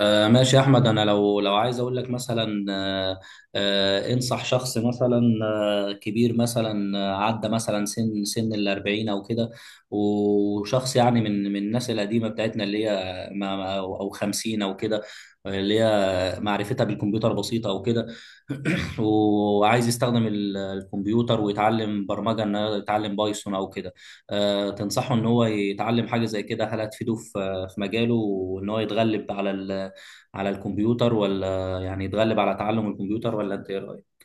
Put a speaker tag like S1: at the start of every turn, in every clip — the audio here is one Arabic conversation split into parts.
S1: ماشي يا احمد. انا لو عايز اقول لك مثلا انصح شخص مثلا كبير مثلا، عدى مثلا سن الاربعين او كده، وشخص يعني من الناس القديمه بتاعتنا اللي هي أو 50 او كده، اللي هي معرفتها بالكمبيوتر بسيطه او كده. وعايز يستخدم الكمبيوتر ويتعلم برمجه، انه يتعلم بايثون او كده. تنصحه ان هو يتعلم حاجه زي كده؟ هل هتفيده في مجاله، وان هو يتغلب على الكمبيوتر، ولا يعني يتغلب على تعلم الكمبيوتر، ولا انت ايه رأيك؟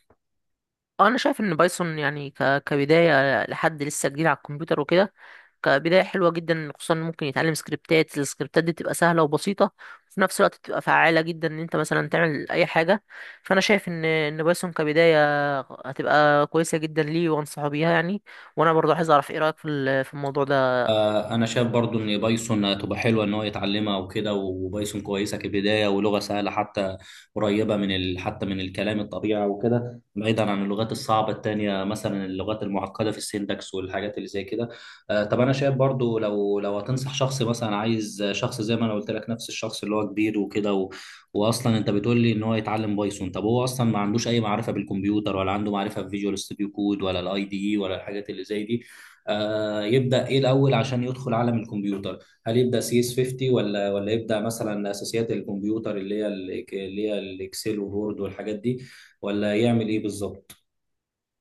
S2: انا شايف ان بايثون يعني كبدايه لحد لسه جديد على الكمبيوتر وكده. كبدايه حلوه جدا، خصوصا إن ممكن يتعلم السكريبتات دي بتبقى سهله وبسيطه، وفي نفس الوقت بتبقى فعاله جدا ان انت مثلا تعمل اي حاجه. فانا شايف ان بايثون كبدايه هتبقى كويسه جدا ليه، وانصحه بيها يعني. وانا برضه عايز اعرف ايه رايك في الموضوع ده.
S1: انا شايف برضو ان بايثون هتبقى حلوه ان هو يتعلمها وكده، وبايثون كويسه كبدايه، ولغه سهله، حتى قريبه من حتى من الكلام الطبيعي وكده، بعيدا عن اللغات الصعبه التانية، مثلا اللغات المعقده في السينتاكس والحاجات اللي زي كده. طب انا شايف برضو، لو هتنصح شخص مثلا، عايز شخص زي ما انا قلت لك، نفس الشخص اللي هو كبير وكده واصلا انت بتقول لي ان هو يتعلم بايثون. طب هو اصلا ما عندوش اي معرفه بالكمبيوتر، ولا عنده معرفه في فيجوال ستوديو كود، ولا الاي دي اي، ولا الحاجات اللي زي دي. يبدأ ايه الاول عشان يدخل عالم الكمبيوتر؟ هل يبدأ سي اس 50، ولا يبدأ مثلا اساسيات الكمبيوتر، اللي هي الاكسل وورد والحاجات دي؟ ولا يعمل ايه بالظبط؟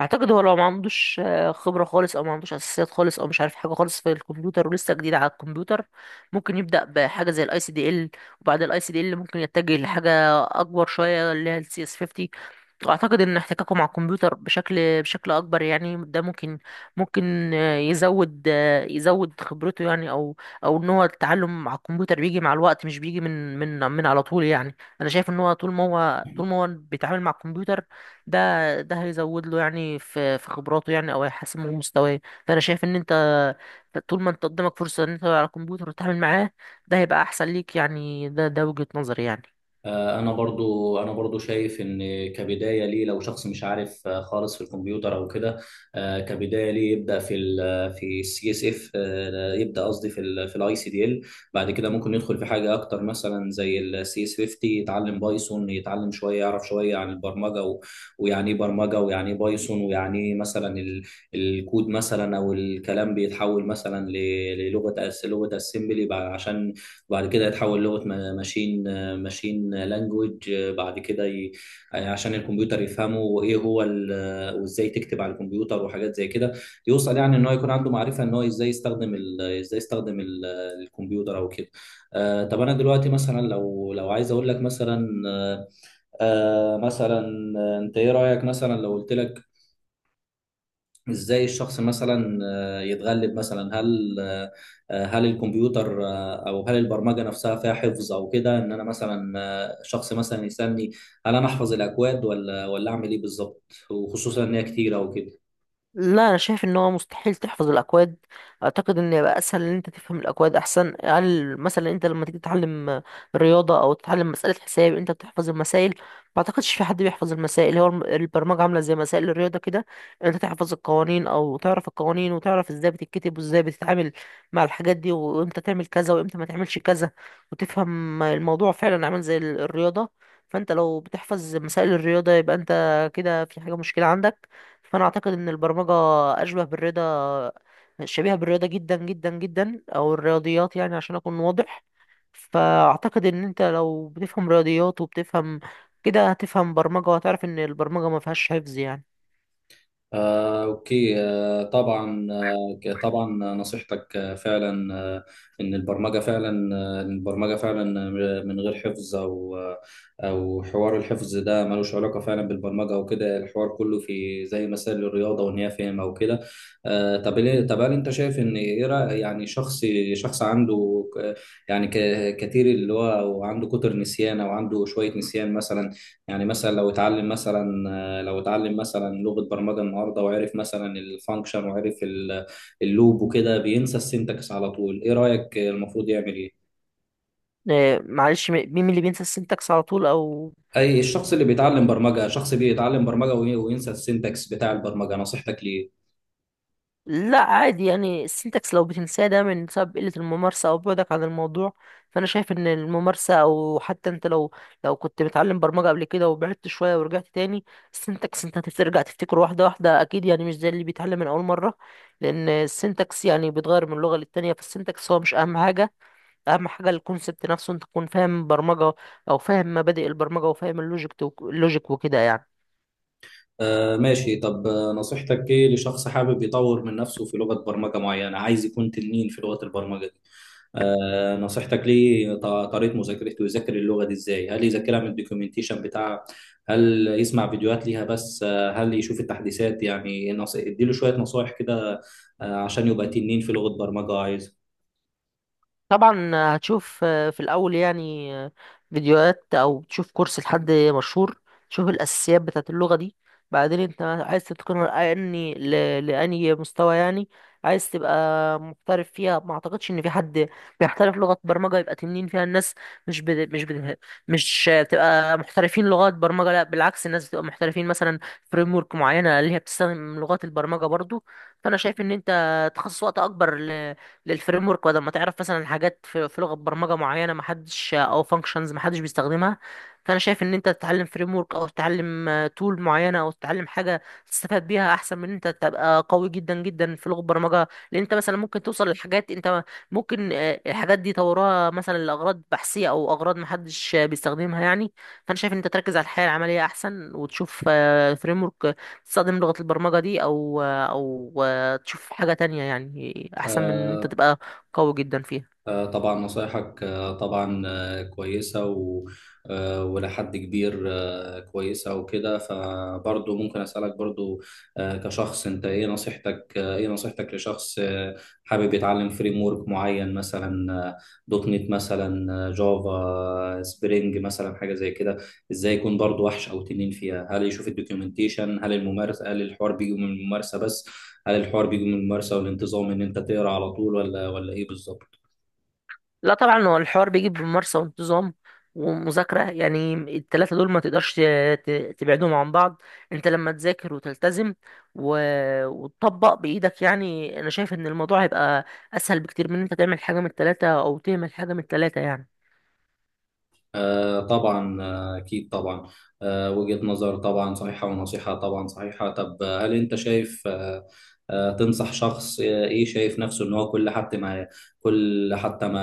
S2: اعتقد هو لو ما عندوش خبره خالص، او ما عندوش اساسيات خالص، او مش عارف حاجه خالص في الكمبيوتر ولسه جديد على الكمبيوتر، ممكن يبدا بحاجه زي ICDL، وبعد ICDL ممكن يتجه لحاجه اكبر شويه اللي هي CS50. واعتقد ان احتكاكه مع الكمبيوتر بشكل اكبر يعني، ده ممكن ممكن آه، يزود آه، يزود خبرته يعني، او ان هو التعلم مع الكمبيوتر بيجي مع الوقت، مش بيجي من على طول يعني. انا شايف ان هو طول ما هو بيتعامل مع الكمبيوتر، ده ده هيزود له يعني في خبراته يعني، او هيحسن من مستواه. فانا شايف ان انت طول ما انت قدامك فرصه ان انت على الكمبيوتر وتتعامل معاه، ده هيبقى احسن ليك يعني. ده وجهة نظري يعني.
S1: انا برضو شايف ان كبدايه ليه، لو شخص مش عارف خالص في الكمبيوتر او كده، كبدايه ليه يبدا في السي اس اف، يبدا قصدي في الاي سي دي ال. بعد كده ممكن يدخل في حاجه اكتر، مثلا زي السي اس 50، يتعلم بايثون، يتعلم شويه، يعرف شويه عن البرمجه، ويعني ايه برمجه، ويعني ايه بايثون، ويعني ايه مثلا الكود مثلا، او الكلام بيتحول مثلا للغه لغه اسمبلي، عشان بعد كده يتحول لغه ماشين ماشين لانجوج. بعد كده عشان الكمبيوتر يفهمه، وايه هو ال... آه، وازاي تكتب على الكمبيوتر وحاجات زي كده، يوصل يعني ان هو يكون عنده معرفه ان هو ازاي يستخدم ال... ازاي يستخدم ال... آه، الكمبيوتر او كده. طب انا دلوقتي مثلا، لو عايز اقول لك مثلا آه آه، مثلا آه، انت ايه رايك، مثلا لو قلت لك ازاي الشخص مثلا يتغلب مثلا؟ هل الكمبيوتر او هل البرمجه نفسها فيها حفظ او كده، ان انا مثلا شخص مثلا يسالني هل انا احفظ الاكواد ولا اعمل ايه بالظبط، وخصوصا ان هي كتيره وكده؟
S2: لا، انا شايف ان هو مستحيل تحفظ الاكواد. اعتقد ان يبقى اسهل ان انت تفهم الاكواد احسن. هل مثلا انت لما تيجي تتعلم رياضه او تتعلم مساله حساب انت بتحفظ المسائل؟ ما اعتقدش في حد بيحفظ المسائل. هو البرمجه عامله زي مسائل الرياضه كده، انت تحفظ القوانين او تعرف القوانين، وتعرف ازاي بتتكتب وازاي بتتعامل مع الحاجات دي، وامتى تعمل كذا وامتى ما تعملش كذا، وتفهم الموضوع فعلا عامل زي الرياضه. فانت لو بتحفظ مسائل الرياضه يبقى انت كده في حاجه مشكله عندك. فانا اعتقد ان البرمجه اشبه بالرياضه، شبيهه بالرياضه جدا جدا جدا، او الرياضيات يعني عشان اكون واضح. فاعتقد ان انت لو بتفهم رياضيات وبتفهم كده هتفهم برمجه، وهتعرف ان البرمجه ما فيهاش حفظ يعني.
S1: أوكي. طبعا. طبعا نصيحتك فعلا، إن البرمجة فعلا من غير حفظ، أو حوار الحفظ ده ملوش علاقة فعلا بالبرمجة وكده. الحوار كله في زي مسائل الرياضة، وإن هي فهم أو كده. طب هل أنت شايف إن يعني شخص عنده كتير، اللي هو وعنده كتر نسيان، أو عنده شوية نسيان مثلا؟ يعني مثلا لو اتعلم مثلا لغة برمجة النهارده، وعرف مثلا الفانكشن، وعرف اللوب وكده، بينسى السنتكس على طول. ايه رأيك المفروض يعمل ايه؟
S2: معلش، مين اللي بينسى السنتكس على طول او...
S1: اي الشخص اللي بيتعلم برمجة، شخص بيتعلم برمجة وينسى السنتكس بتاع البرمجة، نصيحتك ليه؟
S2: لا، عادي يعني، السنتكس لو بتنساه ده من سبب قلة الممارسة أو بعدك عن الموضوع. فأنا شايف إن الممارسة، أو حتى أنت لو كنت بتعلم برمجة قبل كده وبعدت شوية ورجعت تاني، السنتكس أنت هترجع تفتكره واحدة واحدة أكيد يعني، مش زي اللي بيتعلم من أول مرة. لأن السنتكس يعني بيتغير من لغة للتانية، فالسنتكس هو مش أهم حاجة. أهم حاجة الكونسبت نفسه، أنت تكون فاهم برمجة، أو فاهم مبادئ البرمجة وفاهم اللوجيك وكده يعني.
S1: ماشي. طب نصيحتك ايه لشخص حابب يطور من نفسه في لغة برمجة معينة، عايز يكون تنين في لغة البرمجة دي؟ نصيحتك ليه، طريقة مذاكرته، يذاكر اللغة دي ازاي؟ هل يذاكرها من الدوكيومنتيشن بتاعها؟ هل يسمع فيديوهات ليها بس؟ هل يشوف التحديثات؟ يعني اديله شوية نصايح كده، عشان يبقى تنين في لغة برمجة
S2: طبعا هتشوف في الأول يعني فيديوهات، أو تشوف كورس لحد مشهور، تشوف الأساسيات بتاعة اللغة دي. بعدين أنت عايز تتقنها لأني مستوى يعني عايز تبقى محترف فيها. ما أعتقدش إن في حد بيحترف لغة برمجة يبقى تنين فيها. الناس مش بت... مش بت... مش بتبقى محترفين لغات برمجة، لا بالعكس، الناس بتبقى محترفين مثلا فريم ورك معينة اللي هي بتستخدم لغات البرمجة برضو. فأنا شايف إن أنت تخصص وقت أكبر للفريم ورك، بدل ما تعرف مثلا حاجات في لغه برمجه معينه ما حدش او فانكشنز ما حدش بيستخدمها. فانا شايف ان انت تتعلم فريم ورك، او تتعلم تول معينه، او تتعلم حاجه تستفاد بيها احسن من إن انت تبقى قوي جدا جدا في لغه برمجه. لان انت مثلا ممكن توصل لحاجات انت ممكن الحاجات دي طورها مثلا لاغراض بحثيه او اغراض ما حدش بيستخدمها يعني. فانا شايف ان انت تركز على الحياه العمليه احسن، وتشوف فريم ورك تستخدم لغة البرمجة دي، او تشوف حاجة تانية يعني، احسن من ان انت
S1: عايزها.
S2: تبقى قوي جدا فيها.
S1: طبعا نصايحك طبعا كويسة وإلى حد كبير كويسة وكده. فبرضه ممكن أسألك برضه كشخص، أنت إيه نصيحتك لشخص حابب يتعلم فريم ورك معين، مثلا دوت نت، مثلا جافا، سبرينج مثلا، حاجة زي كده. إزاي يكون برضه وحش أو تنين فيها؟ هل يشوف الدوكيومنتيشن؟ هل الممارسة؟ هل الحوار بيجي من الممارسة بس، هل الحوار بيجي من الممارسة والانتظام إن أنت تقرأ على طول، ولا إيه بالظبط؟
S2: لا طبعا، هو الحوار بيجي بممارسة وانتظام ومذاكرة يعني. التلاتة دول ما تقدرش تبعدهم عن بعض. انت لما تذاكر وتلتزم و... وتطبق بإيدك يعني، انا شايف ان الموضوع هيبقى اسهل بكتير من ان انت تعمل حاجة من التلاتة او تهمل حاجة من التلاتة يعني.
S1: طبعا. أكيد طبعا. وجهة نظر طبعا صحيحة، ونصيحة طبعا صحيحة. طب هل أنت شايف تنصح شخص إيه شايف نفسه إن هو كل حتى ما كل حتى ما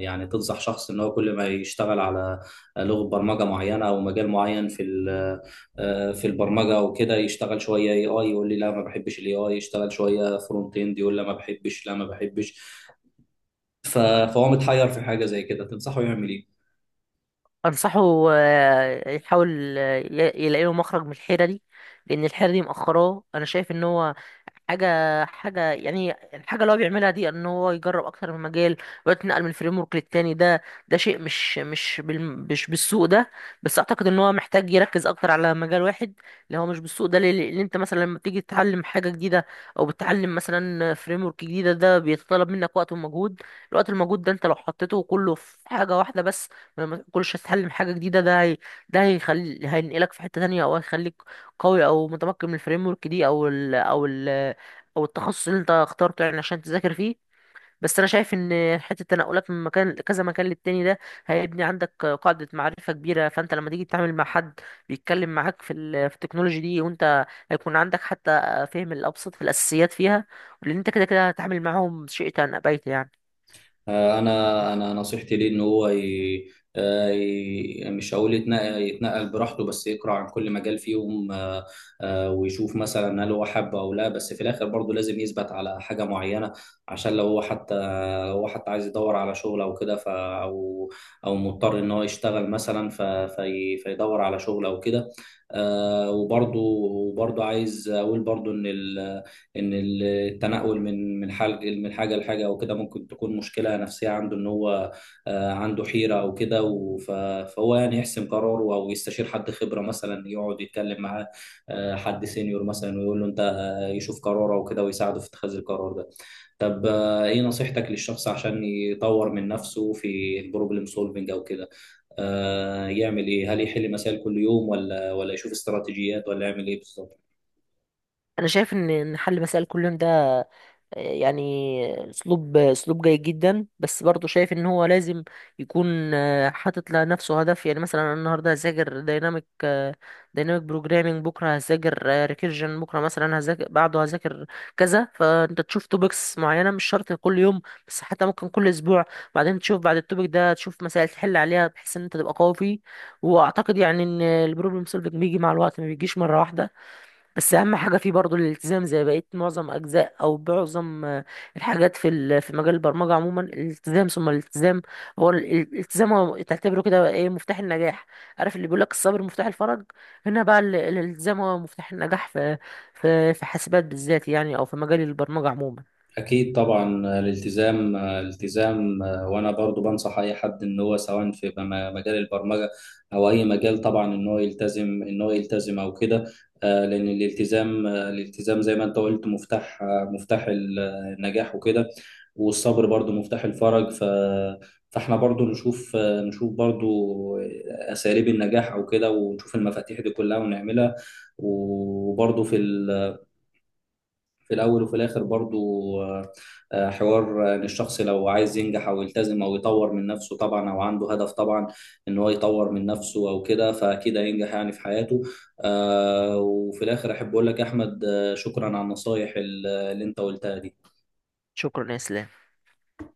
S1: يعني تنصح شخص إن هو كل ما يشتغل على لغة برمجة معينة، أو مجال معين في البرمجة وكده، يشتغل شوية اي اي، يقول لي لا ما بحبش الاي اي، يشتغل شوية فرونت اند، يقول لا ما بحبش، لا ما بحبش، فهو متحير في حاجة زي كده، تنصحه يعمل إيه؟
S2: انصحه يحاول يلاقي له مخرج من الحيرة دي. لان الحيرة دي مأخراه، انا شايف ان هو حاجة حاجة يعني الحاجة اللي هو بيعملها دي ان هو يجرب اكتر من مجال ويتنقل من فريم ورك للتاني. ده شيء مش بالسوق ده. بس اعتقد ان هو محتاج يركز اكتر على مجال واحد اللي هو مش بالسوق ده. لان انت مثلا لما بتيجي تتعلم حاجة جديدة او بتتعلم مثلا فريم ورك جديدة، ده بيتطلب منك وقت ومجهود. الوقت المجهود ده انت لو حطيته كله في حاجة واحدة بس، لما كلش تتعلم حاجة جديدة، ده هي ده هيخلي هينقلك في حتة تانية او هيخليك قوي او متمكن من الفريم ورك دي او التخصص اللي انت اخترته يعني عشان تذاكر فيه. بس انا شايف ان حته التنقلات من مكان كذا مكان للتاني ده هيبني عندك قاعده معرفه كبيره. فانت لما تيجي تتعامل مع حد بيتكلم معاك في التكنولوجي دي، وانت هيكون عندك حتى فهم الابسط في الاساسيات فيها، لان انت كده كده هتتعامل معاهم شئت ام ابيت يعني.
S1: انا نصيحتي ليه ان هو مش هقول يتنقل, براحته، بس يقرا عن كل مجال فيهم. ويشوف مثلا هل هو حابه او لا، بس في الاخر برضه لازم يثبت على حاجه معينه. عشان لو هو حتى عايز يدور على شغل او كده، او مضطر ان هو يشتغل مثلا فيدور على شغل او كده. وبرضه عايز اقول برضه ان التنقل من حاجه لحاجه او كده، ممكن تكون مشكله نفسيه عنده ان هو عنده حيره او كده، فهو يعني يحسم قراره، او يستشير حد خبره مثلا، يقعد يتكلم معاه حد سينيور مثلا، ويقول له انت يشوف قراره او كده، ويساعده في اتخاذ القرار ده. طب ايه نصيحتك للشخص عشان يطور من نفسه في البروبلم سولفنج او كده؟ يعمل ايه؟ هل يحل مسائل كل يوم، ولا يشوف استراتيجيات، ولا يعمل ايه بالظبط؟
S2: انا شايف ان حل مسائل كل يوم ده يعني اسلوب جيد جدا، بس برضه شايف ان هو لازم يكون حاطط لنفسه هدف يعني. مثلا انا النهارده هذاكر دايناميك بروجرامينج، بكره هذاكر ريكيرجن، بكره مثلا هذاكر، بعده هذاكر كذا. فانت تشوف توبكس معينه، مش شرط كل يوم، بس حتى ممكن كل اسبوع، بعدين تشوف بعد التوبك ده تشوف مسائل تحل عليها بحيث ان انت تبقى قوي فيه. واعتقد يعني ان البروبلم سولفنج بيجي مع الوقت، ما بيجيش مره واحده. بس اهم حاجه فيه برضو الالتزام، زي بقيه معظم اجزاء او معظم الحاجات في مجال البرمجه عموما. الالتزام ثم الالتزام هو الالتزام، هو تعتبره كده ايه مفتاح النجاح. عارف اللي بيقول لك الصبر مفتاح الفرج، هنا بقى الالتزام هو مفتاح النجاح في حاسبات بالذات يعني، او في مجال البرمجه عموما.
S1: أكيد طبعا. الالتزام، وأنا برضو بنصح أي حد إن هو، سواء في مجال البرمجة أو أي مجال، طبعا إن هو يلتزم أو كده. لأن الالتزام زي ما أنت قلت مفتاح النجاح وكده، والصبر برضو مفتاح الفرج. فاحنا برضو نشوف نشوف برضو أساليب النجاح أو كده، ونشوف المفاتيح دي كلها ونعملها. وبرضو في الاول وفي الاخر برضو آه، حوار ان الشخص لو عايز ينجح، او يلتزم، او يطور من نفسه طبعا، او عنده هدف طبعا ان هو يطور من نفسه او كده، فاكيد هينجح يعني في حياته. وفي الاخر احب اقول لك يا احمد، شكرا على النصايح اللي انت قلتها دي.
S2: شكرا يا اسلام.